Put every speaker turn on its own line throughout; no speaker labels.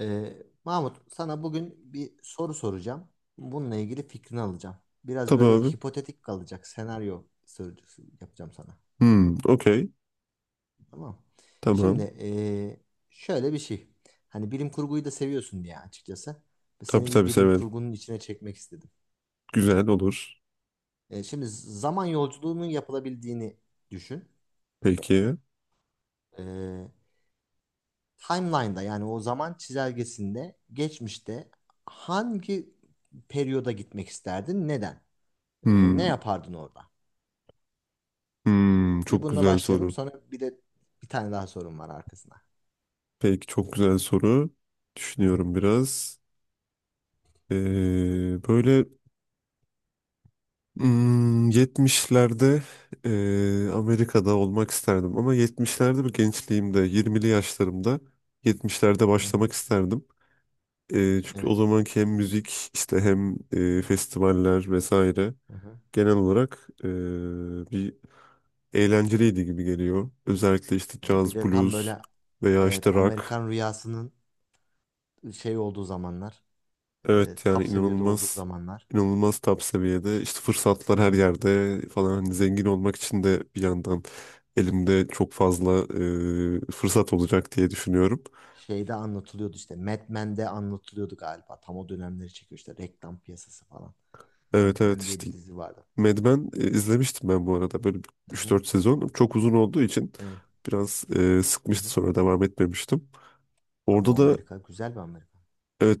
Ee, Mahmut, sana bugün bir soru soracağım. Bununla ilgili fikrini alacağım. Biraz
Tabii
böyle
abi.
hipotetik kalacak senaryo sorucusu yapacağım sana.
Okey.
Tamam mı?
Tamam.
Şimdi şöyle bir şey. Hani bilim kurguyu da seviyorsun diye açıkçası.
Tabii
Seni bir
tabii
bilim
severim.
kurgunun içine çekmek istedim.
Güzel olur.
Şimdi zaman yolculuğunun yapılabildiğini düşün.
Peki.
Ee, Timeline'da yani o zaman çizelgesinde geçmişte hangi periyoda gitmek isterdin? Neden?
Hmm,
Ne yapardın orada? Bir
Çok
bununla
güzel
başlayalım.
soru.
Sonra bir de bir tane daha sorum var arkasına.
Peki çok güzel soru.
Hı hı,
Düşünüyorum biraz. Ee, Böyle yetmişlerde Amerika'da olmak isterdim. Ama yetmişlerde bir gençliğimde, yirmili yaşlarımda yetmişlerde
hı hı.
başlamak isterdim. Çünkü
Evet.
o zamanki hem müzik işte hem festivaller vesaire
Hı hı.
genel olarak bir eğlenceliydi gibi geliyor. Özellikle işte
Yani bir
caz,
de tam
blues
böyle
veya
evet
işte rock.
Amerikan rüyasının şey olduğu zamanlar,
Evet, yani
top seviyede olduğu
inanılmaz
zamanlar.
inanılmaz top seviyede. İşte fırsatlar her
Hı.
yerde falan. Hani zengin olmak için de bir yandan elimde çok fazla fırsat olacak diye düşünüyorum.
Şeyde anlatılıyordu işte. Mad Men'de anlatılıyordu galiba. Tam o dönemleri çekiyor işte reklam piyasası falan. Mad
Evet evet,
Men diye
işte
bir dizi vardı.
Mad Men izlemiştim ben bu arada böyle
Hı
üç
hı.
dört sezon. Çok uzun olduğu için
Evet.
biraz
Hı
sıkmıştı,
hı.
sonra devam etmemiştim.
Ama
Orada
o
da
Amerika güzel bir Amerika.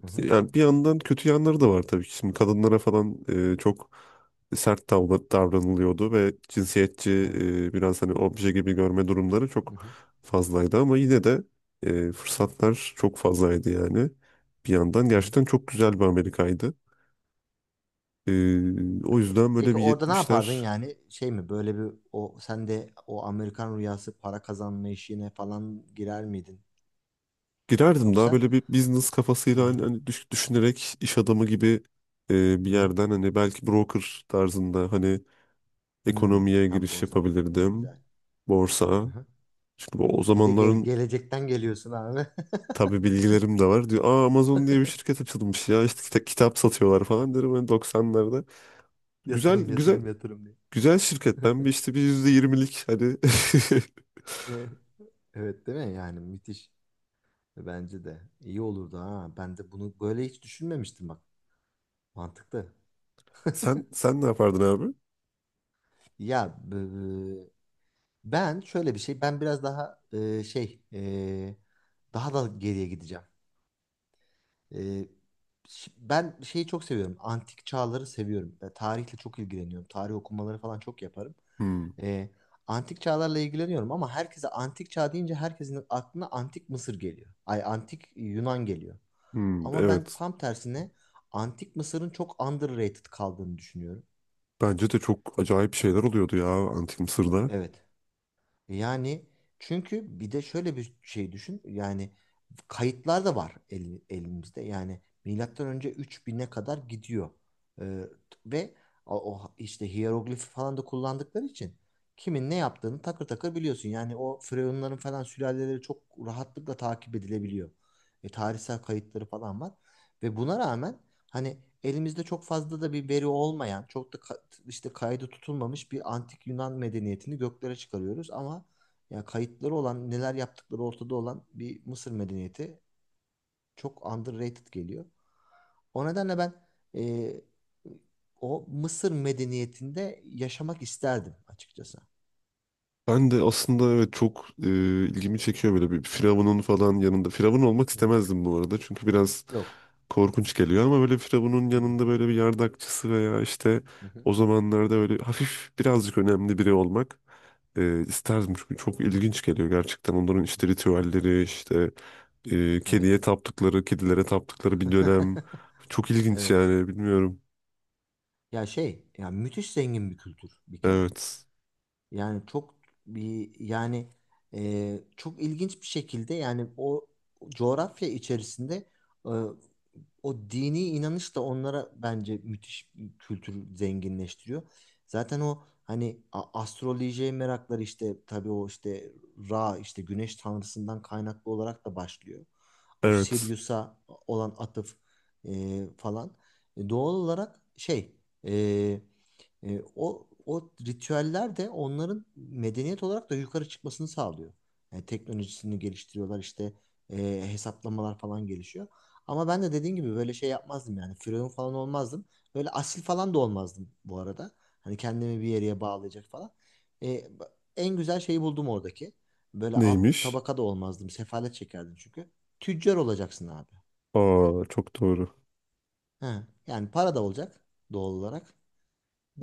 Hı hı.
yani bir yandan kötü yanları da var tabii ki. Şimdi kadınlara falan çok davranılıyordu ve cinsiyetçi,
Evet.
biraz hani obje gibi görme durumları
Hı
çok
hı.
fazlaydı, ama yine de fırsatlar çok fazlaydı yani. Bir yandan
Hı hı.
gerçekten çok güzel bir Amerika'ydı. E, O yüzden böyle
Peki
bir
orada ne yapardın
yetmişler.
yani şey mi böyle bir o sen de o Amerikan rüyası para kazanma işine falan girer miydin
Girerdim daha
yoksa?
böyle bir business
Hı
kafasıyla, hani,
hı.
düşünerek, iş adamı gibi, bir
Hı hı.
yerden hani, belki broker tarzında hani
Hmm,
ekonomiye
tam
giriş
borsa. Evet,
yapabilirdim.
güzel.
Borsa.
Hı hı.
Çünkü o
Bir de
zamanların
gelecekten geliyorsun abi.
tabii bilgilerim de var. Diyor, aa, Amazon diye bir şirket açılmış ya. İşte kitap satıyorlar falan derim ben 90'larda. Güzel
Yatırım
güzel,
yatırım yatırım diye.
güzel şirket. Ben bir işte bir %20'lik hani,
Evet. Evet, değil mi yani müthiş. Bence de iyi olurdu ha. Ben de bunu böyle hiç düşünmemiştim bak. Mantıklı.
sen ne yapardın abi?
Ya, ben şöyle bir şey, ben biraz daha şey, daha da geriye gideceğim. E, Ben şeyi çok seviyorum, antik çağları seviyorum. E, tarihle çok ilgileniyorum, tarih okumaları falan çok yaparım.
Hmm,
E, Antik çağlarla ilgileniyorum ama herkese antik çağ deyince herkesin aklına antik Mısır geliyor. Ay antik Yunan geliyor. Ama ben
evet.
tam tersine antik Mısır'ın çok underrated kaldığını düşünüyorum.
Bence de çok acayip şeyler oluyordu ya Antik Mısır'da.
Evet. Yani çünkü bir de şöyle bir şey düşün. Yani kayıtlar da var elimizde. Yani milattan önce 3000'e kadar gidiyor. Ee, Ve o işte hieroglifi falan da kullandıkları için kimin ne yaptığını takır takır biliyorsun. Yani o firavunların falan sülaleleri çok rahatlıkla takip edilebiliyor. E, tarihsel kayıtları falan var. Ve buna rağmen hani elimizde çok fazla da bir veri olmayan, çok da işte kaydı tutulmamış bir antik Yunan medeniyetini göklere çıkarıyoruz ama ya kayıtları olan, neler yaptıkları ortada olan bir Mısır medeniyeti çok underrated geliyor. O nedenle ben e, o Mısır medeniyetinde yaşamak isterdim açıkçası.
Ben de aslında, evet, çok ilgimi çekiyor böyle bir Firavun'un falan yanında. Firavun olmak
Hı hı.
istemezdim bu arada. Çünkü biraz
Yok.
korkunç geliyor, ama böyle Firavun'un
Hı hı.
yanında böyle bir yardakçısı veya işte
Hı hı.
o zamanlarda böyle hafif birazcık önemli biri olmak isterdim. Çünkü çok ilginç geliyor gerçekten onların işte ritüelleri, işte
Evet.
kediye taptıkları kedilere taptıkları bir dönem, çok ilginç
Evet.
yani, bilmiyorum.
Ya şey, ya müthiş zengin bir kültür bir kere.
Evet
Yani çok bir yani çok ilginç bir şekilde yani o coğrafya içerisinde e, o dini inanış da onlara bence müthiş bir kültür zenginleştiriyor. Zaten o hani astrolojiye merakları işte tabii o işte Ra işte güneş tanrısından kaynaklı olarak da başlıyor. O
evet,
Sirius'a olan atıf falan. Doğal olarak o ritüeller de onların medeniyet olarak da yukarı çıkmasını sağlıyor. Teknolojisini geliştiriyorlar işte hesaplamalar falan gelişiyor. Ama ben de dediğin gibi böyle şey yapmazdım yani firavun falan olmazdım. Böyle asil falan da olmazdım bu arada. Hani kendimi bir yere bağlayacak falan. E, En güzel şeyi buldum oradaki. Böyle alt
neymiş?
tabaka da olmazdım. Sefalet çekerdim çünkü. Tüccar olacaksın abi.
Aa, çok doğru.
He, yani para da olacak doğal olarak.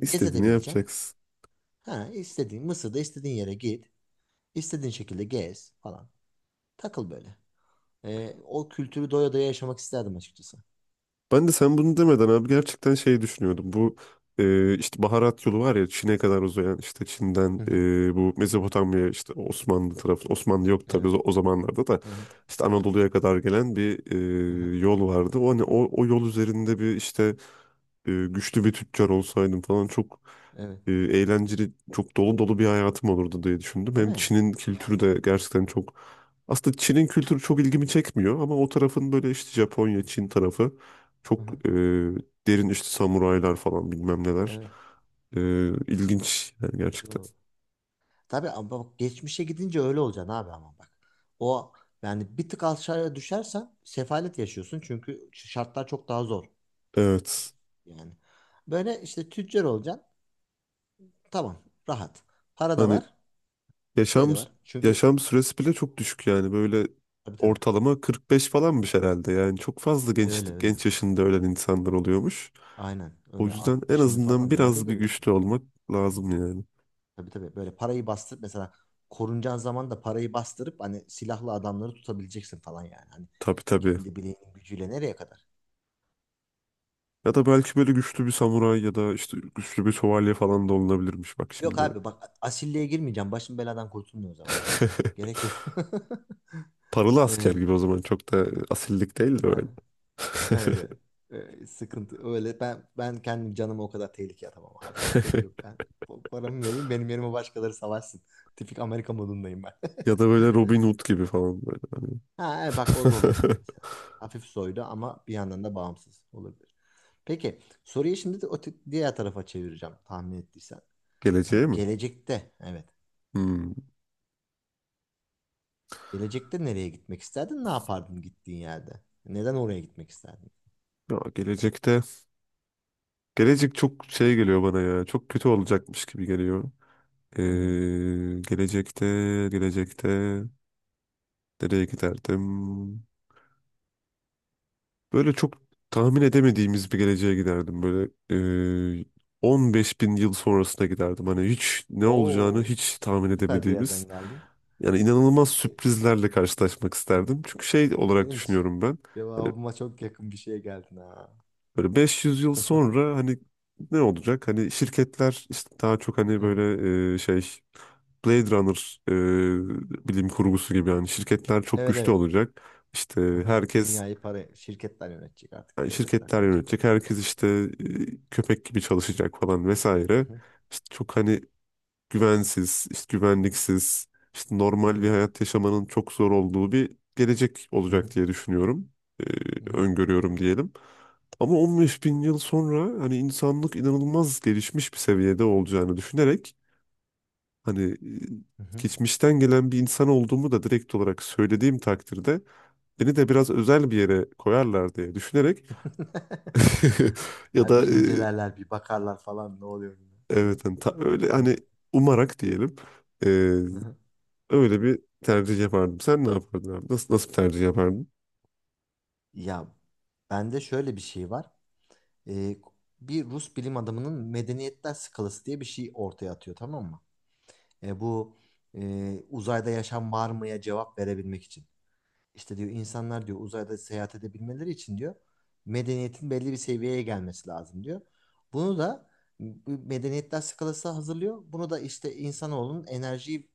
İstediğini
Gezedebileceksin.
yapacaksın.
Ha, istediğin Mısır'da istediğin yere git. İstediğin şekilde gez falan. Takıl böyle. O kültürü doya doya yaşamak isterdim açıkçası.
Ben de sen bunu demeden abi gerçekten şey düşünüyordum. Bu, işte baharat yolu var ya, Çin'e kadar uzayan, işte Çin'den,
Hı hı.
bu Mezopotamya, işte Osmanlı tarafı, Osmanlı yok tabii
Evet.
o o zamanlarda da,
Hı hı.
işte Anadolu'ya kadar gelen bir,
Hı hı.
yol vardı. O hani o, o yol üzerinde bir işte güçlü bir tüccar olsaydım falan, çok
Evet.
eğlenceli, çok dolu dolu bir hayatım olurdu diye düşündüm.
Değil
Hem
mi?
Çin'in kültürü
Yani.
de gerçekten çok, aslında Çin'in kültürü çok ilgimi çekmiyor, ama o tarafın böyle işte Japonya, Çin tarafı
Hı
çok
hı.
derin, işte samuraylar falan bilmem neler.
Evet.
E, ilginç yani
Güzel
gerçekten.
olur. Tabii ama bak geçmişe gidince öyle olacaksın abi ama bak. O yani bir tık aşağıya düşersen sefalet yaşıyorsun çünkü şartlar çok daha zor. Ş-
Evet.
Yani böyle işte tüccar olacaksın. Tamam. Rahat. Para da
Hani
var. Şey
yaşam
de var. Çünkü
yaşam süresi bile çok düşük yani, böyle
tabii tabii.
ortalama 45 falanmış herhalde. Yani çok fazla genç,
Öyle öyle.
genç yaşında ölen insanlar oluyormuş.
Aynen.
O
Öyle
yüzden en
60'ını
azından
falan nerede
biraz bir
görüyorsun?
güçlü olmak lazım yani.
Tabii tabii. Böyle parayı bastırıp mesela korunacağın zaman da parayı bastırıp hani silahlı adamları tutabileceksin falan yani. Hani
Tabii tabii.
kendi bileğinin gücüyle nereye kadar?
Ya da belki böyle güçlü bir samuray ya da işte güçlü bir şövalye falan da olunabilirmiş bak
Yok
şimdi.
abi bak asilliğe girmeyeceğim. Başım beladan kurtulmuyor o zaman. Gerek yok.
Paralı asker
Ee,
gibi o zaman, çok da asillik değil de
ha,
öyle.
evet evet. Sıkıntı öyle, ben kendim canımı o kadar tehlikeye atamam abi sıkıntı yok ben paramı vereyim benim yerime başkaları savaşsın tipik Amerika modundayım ben
Ya da böyle Robin Hood gibi falan böyle, hani.
Ha, bak o da olabilir mesela. Hafif soylu ama bir yandan da bağımsız olabilir. Peki soruyu şimdi de o diğer tarafa çevireceğim tahmin ettiysen.
Geleceğe
Hani
mi?
gelecekte evet.
Hmm.
Gelecekte nereye gitmek isterdin? Ne yapardın gittiğin yerde? Neden oraya gitmek isterdin?
Ya gelecekte, gelecek çok şey geliyor bana ya. Çok kötü olacakmış gibi geliyor.
Hmm.
Ee, gelecekte gelecekte nereye giderdim? Böyle çok tahmin edemediğimiz bir geleceğe giderdim. Böyle e, 15 bin yıl sonrasına giderdim. Hani hiç ne olacağını
Oo,
hiç tahmin
süper bir
edemediğimiz.
yerden geldin.
Yani inanılmaz
Be-
sürprizlerle karşılaşmak isterdim. Çünkü şey olarak
Benim
düşünüyorum ben. Hani
cevabıma çok yakın bir şeye geldin ha.
böyle 500 yıl sonra hani ne olacak? Hani şirketler işte daha çok hani
Evet,
böyle, şey, Blade Runner bilim kurgusu gibi, yani şirketler çok
evet,
güçlü
evet.
olacak. İşte
Aha,
herkes,
dünyayı para şirketler yönetecek artık.
yani
Devletler
şirketler
kalkacak
yönetecek.
ortadan
Herkes
falan.
işte köpek gibi çalışacak falan
Hı
vesaire.
hı,
İşte çok hani güvensiz, işte güvenliksiz, işte normal bir
evet.
hayat yaşamanın çok zor olduğu bir gelecek
Hı hı.
olacak diye düşünüyorum. E,
Hı hı.
Öngörüyorum diyelim. Ama 15 bin yıl sonra hani insanlık inanılmaz gelişmiş bir seviyede olacağını düşünerek, hani
Hı hı.
geçmişten gelen bir insan olduğumu da direkt olarak söylediğim takdirde beni de biraz özel bir yere koyarlar diye düşünerek. Ya
Ha,
da
bir incelerler, bir bakarlar falan ne oluyor buna diye.
evet hani öyle
Evet.
hani umarak diyelim, e,
Hı hı.
öyle bir tercih yapardım. Sen ne yapardın abi? Nasıl bir tercih yapardın?
Ya bende şöyle bir şey var. Ee, Bir Rus bilim adamının medeniyetler skalası diye bir şey ortaya atıyor tamam mı? Bu uzayda yaşam var mıya cevap verebilmek için. İşte diyor insanlar diyor uzayda seyahat edebilmeleri için diyor medeniyetin belli bir seviyeye gelmesi lazım diyor. Bunu da bu medeniyetler skalası hazırlıyor. Bunu da işte insanoğlunun enerjiyi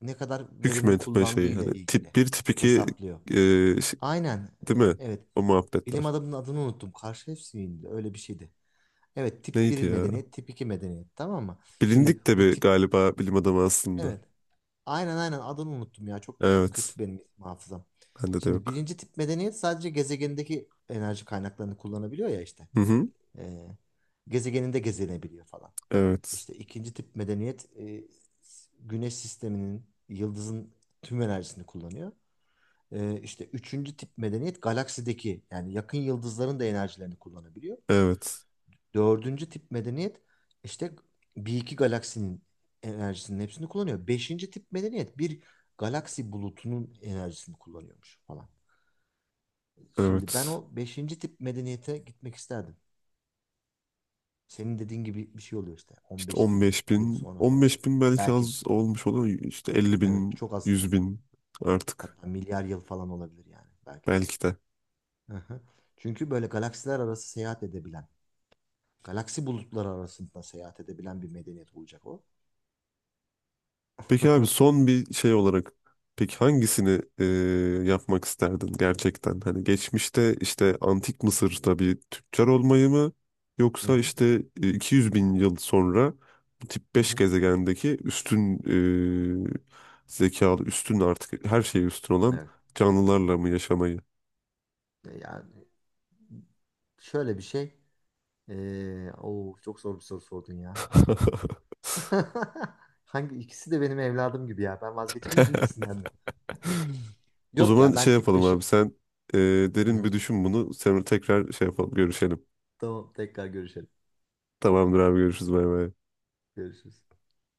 ne kadar verimli
Hükmetme şeyi
kullandığıyla
hani
ilgili
tip bir, tip 2,
hesaplıyor.
e, şey-
Aynen.
değil mi?
Evet.
O
Bilim
muhabbetler.
adamının adını unuttum. Karşıyevsky'ydi. Öyle bir şeydi. Evet, tip
Neydi
bir
ya?
medeniyet, tip 2 medeniyet. Tamam mı? Şimdi
Bilindik de
bu
bir
tip
galiba bilim adamı aslında.
evet. Aynen aynen adını unuttum ya. Çok
Evet.
kötü benim isim hafızam.
Bende de
Şimdi
yok.
birinci tip medeniyet sadece gezegenindeki enerji kaynaklarını kullanabiliyor ya işte.
Hı hı.
Ee, Gezegeninde gezinebiliyor falan.
Evet.
İşte ikinci tip medeniyet güneş sisteminin, yıldızın tüm enerjisini kullanıyor. İşte üçüncü tip medeniyet galaksideki yani yakın yıldızların da enerjilerini kullanabiliyor.
Evet.
Dördüncü tip medeniyet işte bir iki galaksinin enerjisinin hepsini kullanıyor. Beşinci tip medeniyet bir galaksi bulutunun enerjisini kullanıyormuş falan. Şimdi ben
Evet.
o beşinci tip medeniyete gitmek isterdim. Senin dediğin gibi bir şey oluyor işte On
İşte
beş bin
15
yıl
bin.
sonra falan.
15 bin belki
Belki
az olmuş olur. İşte 50
evet
bin,
çok az
100 bin artık.
hatta milyar yıl falan olabilir yani belki de.
Belki de.
Hı hı. Çünkü böyle galaksiler arası seyahat edebilen galaksi bulutları arasında seyahat edebilen bir medeniyet olacak o.
Peki abi,
Hı
son bir şey olarak, peki hangisini yapmak isterdin gerçekten? Hani geçmişte işte antik Mısır'da bir tüccar olmayı mı, yoksa
hı,
işte 200 bin yıl sonra bu tip
hı
5
hı.
gezegendeki üstün e, zekalı, üstün, artık her şeye üstün olan
Evet.
canlılarla mı yaşamayı?
Yani şöyle bir şey. Oo, çok zor bir soru sordun ya. Hangi ikisi de benim evladım gibi ya. Ben vazgeçemiyorum ikisinden de.
O
Yok
zaman
ya
şey
ben tip
yapalım abi,
5'i.
sen e, derin bir düşün bunu. Sen tekrar şey yapalım, görüşelim.
Tamam tekrar görüşelim.
Tamamdır abi, görüşürüz, bay bay.
Görüşürüz.